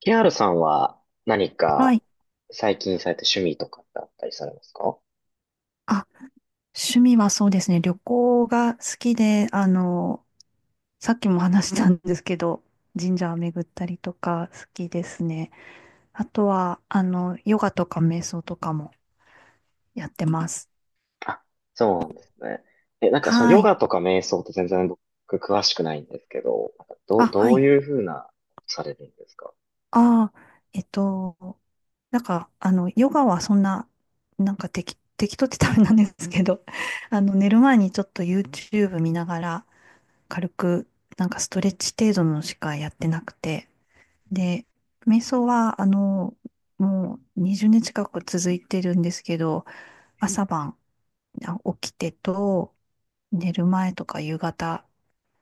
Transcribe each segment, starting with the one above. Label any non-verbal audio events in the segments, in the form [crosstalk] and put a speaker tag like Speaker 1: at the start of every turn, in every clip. Speaker 1: ケーアールさんは何
Speaker 2: は
Speaker 1: か
Speaker 2: い。
Speaker 1: 最近された趣味とかってあったりされますか？
Speaker 2: あ、趣味はそうですね。旅行が好きで、さっきも話したんですけど、神社を巡ったりとか好きですね。あとは、ヨガとか瞑想とかもやってます。
Speaker 1: あ、そうなんですね。なんかその
Speaker 2: は
Speaker 1: ヨ
Speaker 2: い。
Speaker 1: ガとか瞑想って全然僕詳しくないんですけど、なんか
Speaker 2: あ、は
Speaker 1: どう
Speaker 2: い。
Speaker 1: いうふうな、されるんですか？
Speaker 2: ああ、えっと、なんか、ヨガはそんな、なんか適当ってダメなんですけど、[laughs] 寝る前にちょっと YouTube 見ながら、軽く、なんかストレッチ程度のしかやってなくて、で、瞑想は、もう20年近く続いてるんですけど、朝晩起きてと、寝る前とか夕方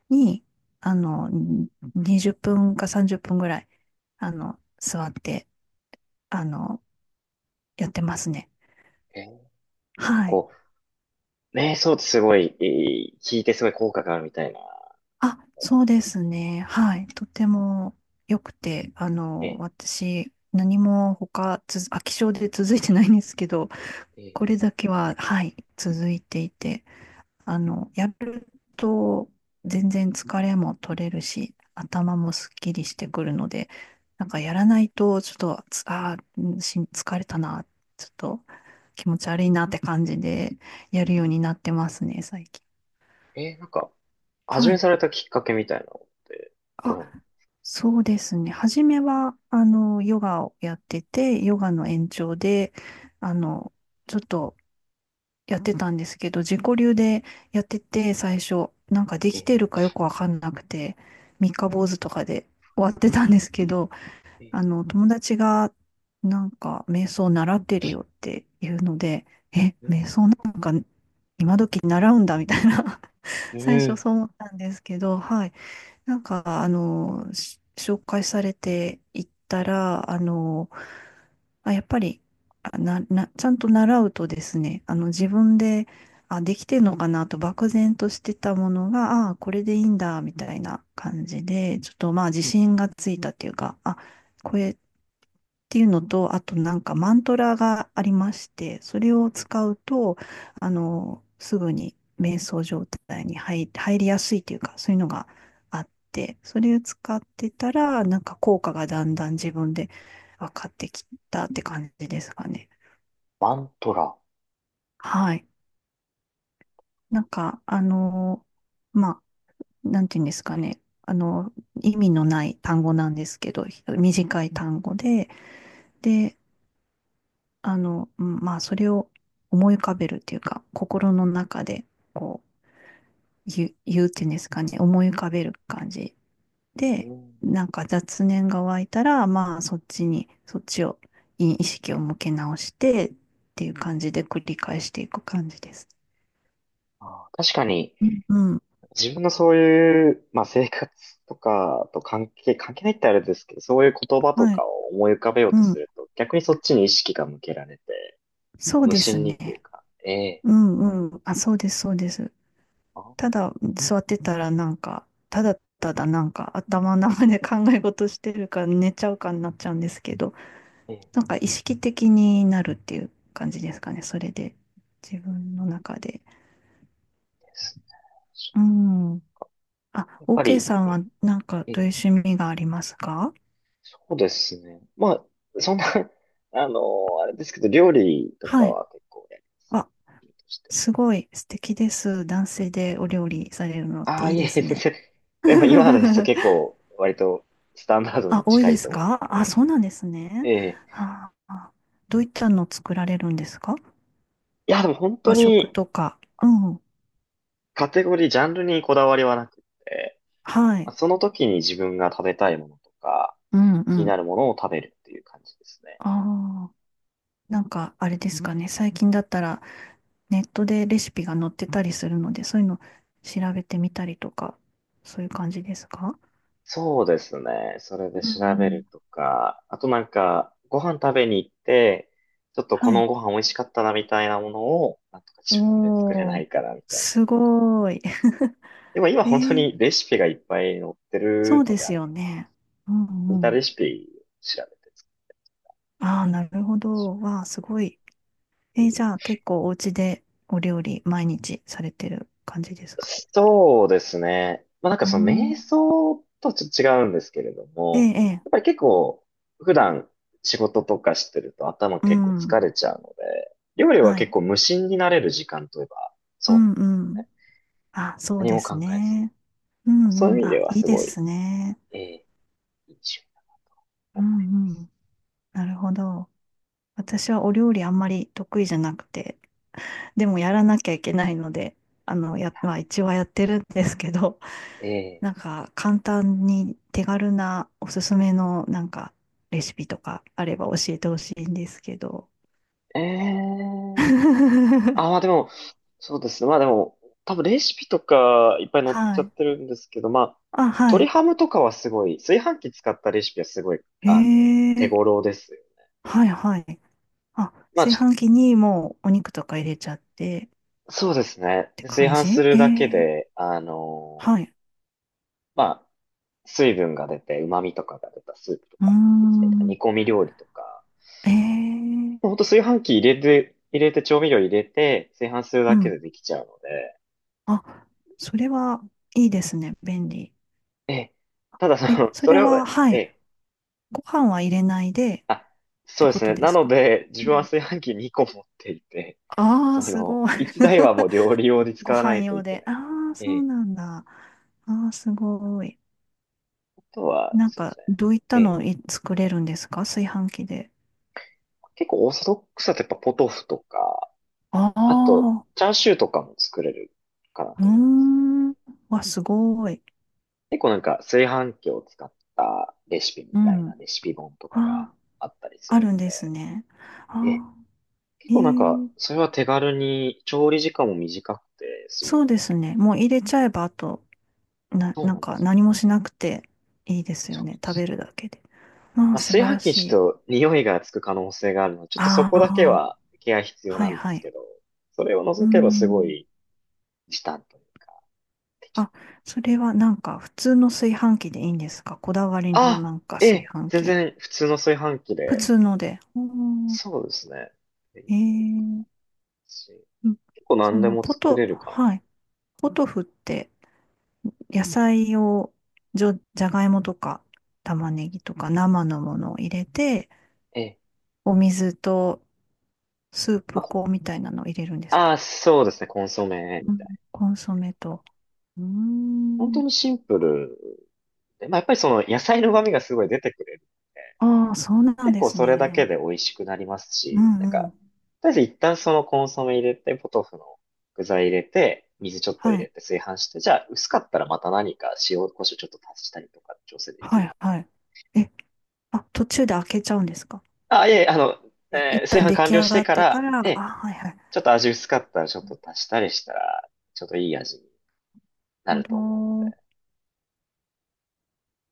Speaker 2: に、あの、20分か30分ぐらい、座って、あの、やってますね。
Speaker 1: えーなんか
Speaker 2: はい。
Speaker 1: こう、瞑想ってすごい、聞いてすごい効果があるみたいな。
Speaker 2: あ、そうですね。はい。とても良くて、
Speaker 1: え
Speaker 2: 私、何も飽き性で続いてないんですけど、
Speaker 1: ー、
Speaker 2: こ
Speaker 1: え
Speaker 2: れだけは、はい、続いていて、やると全然疲れも取れるし、頭もすっきりしてくるので、なんかやらないと、ちょっと、つあーうんし疲れたな、ちょっと気持ち悪いなって感じでやるようになってますね、最近。
Speaker 1: なんか、始
Speaker 2: は
Speaker 1: め
Speaker 2: い。
Speaker 1: されたきっかけみたいなのって、どう
Speaker 2: あ、
Speaker 1: なの？
Speaker 2: そうですね。初めは、ヨガをやってて、ヨガの延長で、あの、ちょっとやってたんですけど、自己流でやってて、最初、なんかできてる
Speaker 1: え
Speaker 2: かよくわかんなくて、三日坊主とかで終わってたんですけど、
Speaker 1: ー、え
Speaker 2: 友達が、なんか、瞑想習ってるよっていうので、え、
Speaker 1: ー、
Speaker 2: 瞑想なんか今時習うんだみたいな [laughs]
Speaker 1: うん、
Speaker 2: 最
Speaker 1: う
Speaker 2: 初
Speaker 1: ん、
Speaker 2: そう思ったんですけど、はい。なんか、紹介されていった
Speaker 1: え
Speaker 2: ら、あ、やっぱり、あな、な、ちゃんと習うとですね、自分で、あ、できてんのかなと漠然としてたものが、あ、これでいいんだ、みたいな感じで、ちょっとまあ自信がついたっていうか、あ、これっていうのと、あとなんかマントラがありまして、それを
Speaker 1: ー、えー
Speaker 2: 使うと、すぐに瞑想状態に入りやすいというか、そういうのがあって、それを使ってたら、なんか効果がだんだん自分で分かってきたって感じですかね。
Speaker 1: マントラ。
Speaker 2: はい。なんか、まあ、なんていうんですかね。意味のない単語なんですけど、短い単語で、で、うんまあ、それを思い浮かべるっていうか、心の中で、こう、言うっていうんですかね、思い浮かべる感じ
Speaker 1: う
Speaker 2: で、
Speaker 1: ん、
Speaker 2: なんか雑念が湧いたら、まあそっちに、そっちを、に意識を向け直してっていう感じで繰り返していく感じです。
Speaker 1: あー確かに、
Speaker 2: うんうん、
Speaker 1: 自分のそういう、まあ、生活とかと関係ないってあれですけど、そういう言葉と
Speaker 2: は
Speaker 1: か
Speaker 2: い。
Speaker 1: を思い浮かべよう
Speaker 2: う
Speaker 1: とす
Speaker 2: ん。
Speaker 1: ると、逆にそっちに意識が向けられて、
Speaker 2: そう
Speaker 1: 無
Speaker 2: です
Speaker 1: 心にっていう
Speaker 2: ね。
Speaker 1: か、ええ。
Speaker 2: うんうん。あ、そうです、そうです。
Speaker 1: あ、
Speaker 2: ただ座ってたらなんか、ただただなんか頭の中で考え事してるか寝ちゃうかになっちゃうんですけど、
Speaker 1: ええ、
Speaker 2: なんか意識的になるっていう感じですかね。それで、自
Speaker 1: うん
Speaker 2: 分の中で。
Speaker 1: です
Speaker 2: うん。
Speaker 1: ね、
Speaker 2: あ、
Speaker 1: やっぱ
Speaker 2: OK
Speaker 1: り、
Speaker 2: さんは
Speaker 1: え
Speaker 2: なんかど
Speaker 1: え、
Speaker 2: ういう趣味がありますか？
Speaker 1: そうですね。まあ、そんな、[laughs] あの、あれですけど、料理とか
Speaker 2: はい。
Speaker 1: は結構やります。
Speaker 2: あ、
Speaker 1: 料理として、
Speaker 2: すごい素敵です。男性でお料理されるのっ
Speaker 1: あ
Speaker 2: て
Speaker 1: あ、
Speaker 2: いい
Speaker 1: いえ
Speaker 2: で
Speaker 1: いえ、
Speaker 2: す
Speaker 1: 全
Speaker 2: ね。
Speaker 1: 然。
Speaker 2: [laughs]
Speaker 1: でも今のですと結構、割とスタンダード
Speaker 2: あ、
Speaker 1: に
Speaker 2: 多い
Speaker 1: 近
Speaker 2: で
Speaker 1: い
Speaker 2: す
Speaker 1: と思
Speaker 2: か？
Speaker 1: う。
Speaker 2: あ、そうなんですね。
Speaker 1: ええ、
Speaker 2: ああ、どういったの作られるんですか？
Speaker 1: いや、でも本当
Speaker 2: 和食
Speaker 1: に、
Speaker 2: とか。うん。
Speaker 1: カテゴリー、ジャンルにこだわりはなくて、
Speaker 2: は
Speaker 1: ま
Speaker 2: い。
Speaker 1: あその時に自分が食べたいものとか、
Speaker 2: うんう
Speaker 1: 気にな
Speaker 2: ん。
Speaker 1: るものを食べるっていう感じですね。
Speaker 2: ああ、なんかあれですかね。最近だったらネットでレシピが載ってたりするので、そういうの調べてみたりとか、そういう感じですか？
Speaker 1: そうですね。それ
Speaker 2: う
Speaker 1: で
Speaker 2: ん
Speaker 1: 調
Speaker 2: う
Speaker 1: べる
Speaker 2: ん。
Speaker 1: とか、あとなんか、ご飯食べに行って、ちょっとこ
Speaker 2: は
Speaker 1: の
Speaker 2: い。
Speaker 1: ご飯美味しかったなみたいなものを、なんとか自分で作れな
Speaker 2: おー、
Speaker 1: いかなみたいな
Speaker 2: す
Speaker 1: の。
Speaker 2: ごい。[laughs]
Speaker 1: でも今
Speaker 2: え
Speaker 1: 本当
Speaker 2: ー、
Speaker 1: にレシピがいっぱい載って
Speaker 2: そ
Speaker 1: る
Speaker 2: う
Speaker 1: の
Speaker 2: で
Speaker 1: であ
Speaker 2: す
Speaker 1: り
Speaker 2: よ
Speaker 1: がたい。
Speaker 2: ね。うん
Speaker 1: 似
Speaker 2: う
Speaker 1: た
Speaker 2: ん。
Speaker 1: レシピ調べて作
Speaker 2: ああ、なるほど。わあ、すごい。じ
Speaker 1: る。
Speaker 2: ゃあ結構お家でお料理毎日されてる感じですか？
Speaker 1: そうですね。まあなんか
Speaker 2: う
Speaker 1: その瞑
Speaker 2: ん。
Speaker 1: 想とちょっと違うんですけれど
Speaker 2: ええ、
Speaker 1: も、
Speaker 2: ええ、
Speaker 1: やっぱり結構普段仕事とかしてると頭
Speaker 2: う
Speaker 1: 結構疲
Speaker 2: ん。
Speaker 1: れちゃうので、料理は
Speaker 2: は
Speaker 1: 結
Speaker 2: い。
Speaker 1: 構無心になれる時間といえば
Speaker 2: う
Speaker 1: そうなん
Speaker 2: ん
Speaker 1: です
Speaker 2: う
Speaker 1: よ
Speaker 2: ん。
Speaker 1: ね。
Speaker 2: あ、そう
Speaker 1: 何
Speaker 2: で
Speaker 1: も
Speaker 2: す
Speaker 1: 考えず。
Speaker 2: ね。う
Speaker 1: そう
Speaker 2: んう
Speaker 1: いう意
Speaker 2: ん。
Speaker 1: 味で
Speaker 2: あ、
Speaker 1: は
Speaker 2: いい
Speaker 1: す
Speaker 2: で
Speaker 1: ごい、
Speaker 2: すね。
Speaker 1: ええいい趣味だ。
Speaker 2: うんうん。なるほど。私はお料理あんまり得意じゃなくて、でもやらなきゃいけないので、まあ一応はやってるんですけど、[laughs] なん
Speaker 1: え
Speaker 2: か簡単に手軽なおすすめのなんかレシピとかあれば教えてほしいんですけど。
Speaker 1: え、ええ、
Speaker 2: [laughs]
Speaker 1: あ、まあでも、そうですね。まあでも、多分レシピとかいっぱい載っち
Speaker 2: は
Speaker 1: ゃ
Speaker 2: い。
Speaker 1: ってるんですけど、まあ、
Speaker 2: あ、は
Speaker 1: 鶏
Speaker 2: い。
Speaker 1: ハムとかはすごい、炊飯器使ったレシピはすごい、
Speaker 2: へ
Speaker 1: あの、手
Speaker 2: え、
Speaker 1: 頃ですよ。
Speaker 2: はいはい。あ、
Speaker 1: まあ、
Speaker 2: 炊飯器にもうお肉とか入れちゃってっ
Speaker 1: そうですね。
Speaker 2: て
Speaker 1: で炊
Speaker 2: 感
Speaker 1: 飯す
Speaker 2: じ？え
Speaker 1: るだけ
Speaker 2: え、
Speaker 1: で、
Speaker 2: はい。
Speaker 1: まあ、水分が出て、旨味とかが出たスープと
Speaker 2: うー
Speaker 1: かにできたりとか、
Speaker 2: ん。
Speaker 1: 煮込み料理とか、
Speaker 2: ええ、
Speaker 1: もうほんと炊飯器入れて、調味料入れて、炊飯する
Speaker 2: う
Speaker 1: だけ
Speaker 2: ん。
Speaker 1: でできちゃうので、
Speaker 2: あ、それはいいですね。便利。
Speaker 1: ええ、ただそ
Speaker 2: え、
Speaker 1: の、
Speaker 2: そ
Speaker 1: そ
Speaker 2: れ
Speaker 1: れを、
Speaker 2: は、
Speaker 1: え
Speaker 2: はい。
Speaker 1: え、
Speaker 2: ご飯は入れないでっ
Speaker 1: あ、そう
Speaker 2: て
Speaker 1: で
Speaker 2: こ
Speaker 1: す
Speaker 2: と
Speaker 1: ね。
Speaker 2: で
Speaker 1: な
Speaker 2: す
Speaker 1: の
Speaker 2: か？
Speaker 1: で、自
Speaker 2: う
Speaker 1: 分は
Speaker 2: ん。
Speaker 1: 炊飯器2個持っていて、
Speaker 2: ああー、
Speaker 1: そ
Speaker 2: す
Speaker 1: の、
Speaker 2: ごい。
Speaker 1: 1台はもう
Speaker 2: [laughs]
Speaker 1: 料理用に
Speaker 2: ご
Speaker 1: 使わな
Speaker 2: 飯
Speaker 1: いと
Speaker 2: 用
Speaker 1: いけ
Speaker 2: で。
Speaker 1: ない。
Speaker 2: ああ、
Speaker 1: え
Speaker 2: そう
Speaker 1: え、
Speaker 2: なんだ。ああ、すごい。
Speaker 1: あとは、
Speaker 2: なん
Speaker 1: そうで
Speaker 2: か、
Speaker 1: すね。
Speaker 2: どういった
Speaker 1: ええ、
Speaker 2: のを作れるんですか？炊飯器で。
Speaker 1: 結構オーソドックスだとやっぱポトフとか、
Speaker 2: あ
Speaker 1: あと、
Speaker 2: あ、
Speaker 1: チャーシューとかも作れるかな
Speaker 2: うー
Speaker 1: と思います。
Speaker 2: ん。わ、すごい。
Speaker 1: 結構なんか炊飯器を使ったレシピみ
Speaker 2: う
Speaker 1: たい
Speaker 2: ん。
Speaker 1: なレシピ本とかが
Speaker 2: ああ、
Speaker 1: あったりす
Speaker 2: あ
Speaker 1: る
Speaker 2: るん
Speaker 1: の
Speaker 2: ですね。
Speaker 1: で、ええ、
Speaker 2: ああ、
Speaker 1: 結
Speaker 2: え
Speaker 1: 構なんか、
Speaker 2: え、
Speaker 1: それは手軽に調理時間も短くて済むの。
Speaker 2: そうですね。もう入れちゃえば、あと、
Speaker 1: そう
Speaker 2: な
Speaker 1: な
Speaker 2: ん
Speaker 1: んで
Speaker 2: か
Speaker 1: す。
Speaker 2: 何もしなくていいですよね。食べるだけで。あ
Speaker 1: ま
Speaker 2: あ、
Speaker 1: あ、
Speaker 2: 素
Speaker 1: 炊
Speaker 2: 晴
Speaker 1: 飯
Speaker 2: ら
Speaker 1: 器に
Speaker 2: し
Speaker 1: ち
Speaker 2: い。
Speaker 1: ょっと匂いがつく可能性があるので、ちょっとそ
Speaker 2: あ
Speaker 1: こだけ
Speaker 2: あ。
Speaker 1: はケア必要
Speaker 2: は
Speaker 1: な
Speaker 2: い
Speaker 1: んで
Speaker 2: は
Speaker 1: す
Speaker 2: い。
Speaker 1: けど、それを
Speaker 2: うー
Speaker 1: 除けばすご
Speaker 2: ん。
Speaker 1: い時短というか、できる
Speaker 2: あ、
Speaker 1: かな。
Speaker 2: それはなんか普通の炊飯器でいいんですか？こだわりの
Speaker 1: あ、
Speaker 2: なんか
Speaker 1: え
Speaker 2: 炊
Speaker 1: え、
Speaker 2: 飯
Speaker 1: 全
Speaker 2: 器？
Speaker 1: 然普通の炊飯器
Speaker 2: 普
Speaker 1: で、
Speaker 2: 通ので。おー、
Speaker 1: そうですね。い
Speaker 2: え
Speaker 1: い
Speaker 2: ー、
Speaker 1: し
Speaker 2: うん、
Speaker 1: 結構
Speaker 2: そ
Speaker 1: 何で
Speaker 2: の
Speaker 1: も
Speaker 2: ポ
Speaker 1: 作
Speaker 2: ト、
Speaker 1: れるかな。
Speaker 2: はい。ポトフって野菜を、じゃがいもとか玉ねぎとか生のものを入れて、
Speaker 1: ええ。
Speaker 2: お水とスー
Speaker 1: あ、
Speaker 2: プ
Speaker 1: こ
Speaker 2: 粉みたいなのを入れるんですか？
Speaker 1: あ、そうですね。コンソメみ
Speaker 2: うん。
Speaker 1: たいな。
Speaker 2: コンソメと。うー
Speaker 1: 本当
Speaker 2: ん。
Speaker 1: にシンプルで。まあ、やっぱりその野菜の旨味がすごい出てくれる。
Speaker 2: ああ、そうなん
Speaker 1: 結
Speaker 2: で
Speaker 1: 構
Speaker 2: す
Speaker 1: それだけ
Speaker 2: ね。
Speaker 1: で美味しくなります
Speaker 2: う
Speaker 1: し、なん
Speaker 2: んう
Speaker 1: か、
Speaker 2: ん。
Speaker 1: とりあえず一旦そのコンソメ入れて、ポトフの具材入れて、水ちょっと入
Speaker 2: は
Speaker 1: れ
Speaker 2: い。
Speaker 1: て炊飯して、じゃあ薄かったらまた何か塩、胡椒ちょっと足したりとか調整でき
Speaker 2: は
Speaker 1: る。
Speaker 2: いはい。え、あ、途中で開けちゃうんですか？
Speaker 1: あ、いえいえ、あの、
Speaker 2: え、一
Speaker 1: 炊
Speaker 2: 旦
Speaker 1: 飯
Speaker 2: 出
Speaker 1: 完
Speaker 2: 来
Speaker 1: 了
Speaker 2: 上
Speaker 1: し
Speaker 2: が
Speaker 1: て
Speaker 2: っ
Speaker 1: か
Speaker 2: てか
Speaker 1: ら、
Speaker 2: ら？
Speaker 1: え
Speaker 2: あ、
Speaker 1: え、
Speaker 2: はいはい。
Speaker 1: ちょっと味薄かったらちょっと足したりしたら、ちょっといい味にな
Speaker 2: な
Speaker 1: る
Speaker 2: る
Speaker 1: と思うの
Speaker 2: ほど。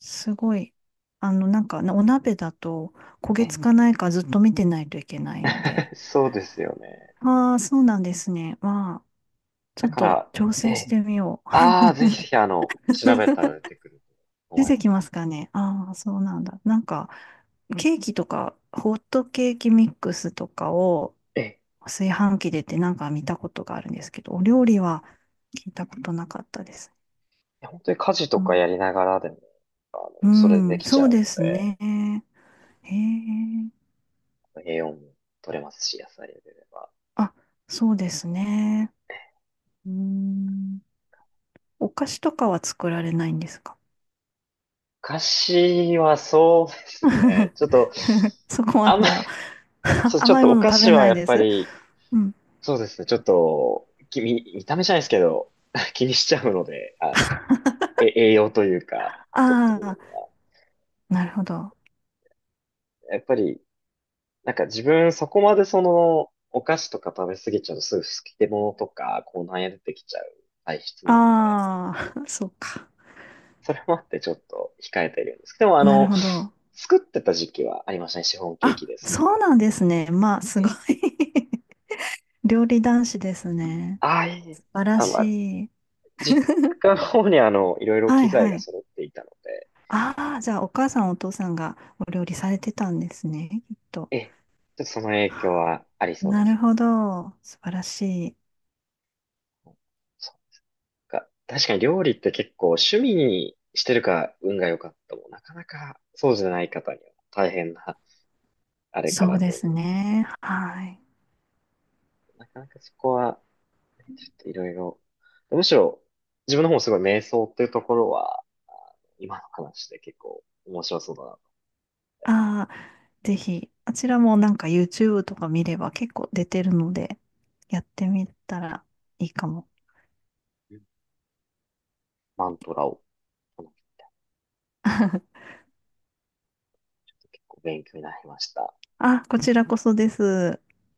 Speaker 2: すごい。なんか、お鍋だと焦げ
Speaker 1: で。
Speaker 2: つかないかずっと見てないといけないので。
Speaker 1: え、[laughs] そうですよね。
Speaker 2: ああ、そうなんですね。まあ、ち
Speaker 1: だ
Speaker 2: ょっ
Speaker 1: か
Speaker 2: と
Speaker 1: ら、
Speaker 2: 挑
Speaker 1: え
Speaker 2: 戦し
Speaker 1: え、
Speaker 2: てみよう。
Speaker 1: ああ、ぜひぜひあの、調べた
Speaker 2: [laughs]
Speaker 1: ら出てくると
Speaker 2: 出
Speaker 1: 思い
Speaker 2: て
Speaker 1: ます。
Speaker 2: きますかね。ああ、そうなんだ。なんか、ケーキとか、ホットケーキミックスとかを、
Speaker 1: ええ、
Speaker 2: 炊飯器でってなんか見たことがあるんですけど、お料理は聞いたことなかったです。
Speaker 1: 本当に家事と
Speaker 2: う
Speaker 1: か
Speaker 2: ん、
Speaker 1: やりながらでも、あの、
Speaker 2: う
Speaker 1: それでで
Speaker 2: ん、
Speaker 1: きち
Speaker 2: そ
Speaker 1: ゃ
Speaker 2: う
Speaker 1: うの
Speaker 2: ですね。へえ。
Speaker 1: で、栄養も取れますし、野菜でれば。
Speaker 2: あ、そうですね。うん。お菓子とかは作られないんですか？
Speaker 1: お菓子はそうですね。ちょっと、
Speaker 2: [laughs] そこま
Speaker 1: あんま
Speaker 2: で
Speaker 1: り、
Speaker 2: は [laughs]
Speaker 1: そう、ちょっ
Speaker 2: 甘い
Speaker 1: とお
Speaker 2: もの
Speaker 1: 菓
Speaker 2: 食べ
Speaker 1: 子は
Speaker 2: ない
Speaker 1: やっ
Speaker 2: で
Speaker 1: ぱ
Speaker 2: す。
Speaker 1: り、
Speaker 2: うん。
Speaker 1: そうですね。ちょっと、見た目じゃないですけど、[laughs] 気にしちゃうので、あの、え、栄養というか、と
Speaker 2: あ
Speaker 1: ころ
Speaker 2: あ、なるほど。あ
Speaker 1: が。やっぱり、なんか自分そこまでその、お菓子とか食べ過ぎちゃうとすぐ好き出物とか、こうなんや出てきちゃう体質なので
Speaker 2: あ、[laughs] そうか。
Speaker 1: それもあってちょっと控えてるんですけど、でもあ
Speaker 2: なる
Speaker 1: の、
Speaker 2: ほど。
Speaker 1: 作ってた時期はありましたね。シフォンケー
Speaker 2: あ、
Speaker 1: キですとか。
Speaker 2: そうなんですね。まあ、す
Speaker 1: え
Speaker 2: ご
Speaker 1: え、
Speaker 2: い [laughs] 料理男子ですね。
Speaker 1: ああ、いい。
Speaker 2: 素晴ら
Speaker 1: あ、まあ、
Speaker 2: しい。
Speaker 1: 実家の方にあの、いろいろ
Speaker 2: は
Speaker 1: 機
Speaker 2: い
Speaker 1: 材
Speaker 2: は
Speaker 1: が
Speaker 2: い。
Speaker 1: 揃っていたので、
Speaker 2: ああ、じゃあお母さんお父さんがお料理されてたんですね、きっと。
Speaker 1: ええ、ちょっとその影響はありそうで
Speaker 2: なる
Speaker 1: す
Speaker 2: ほど。素晴らしい。
Speaker 1: ね。そっか。確かに料理って結構趣味にしてるか運が良かったもなかなかそうじゃない方には大変なあれか
Speaker 2: そう
Speaker 1: な
Speaker 2: で
Speaker 1: と思う。
Speaker 2: すね。はい。
Speaker 1: なかなかそこはちょっといろいろ。むしろ、自分の方もすごい瞑想っていうところは、あの今の話で結構面白そうだなと。
Speaker 2: ああ、ぜひ、あちらもなんか YouTube とか見れば結構出てるので、やってみたらいいかも。
Speaker 1: うん、マントラを唱えて結構勉強になりました。
Speaker 2: あ、こちらこそです。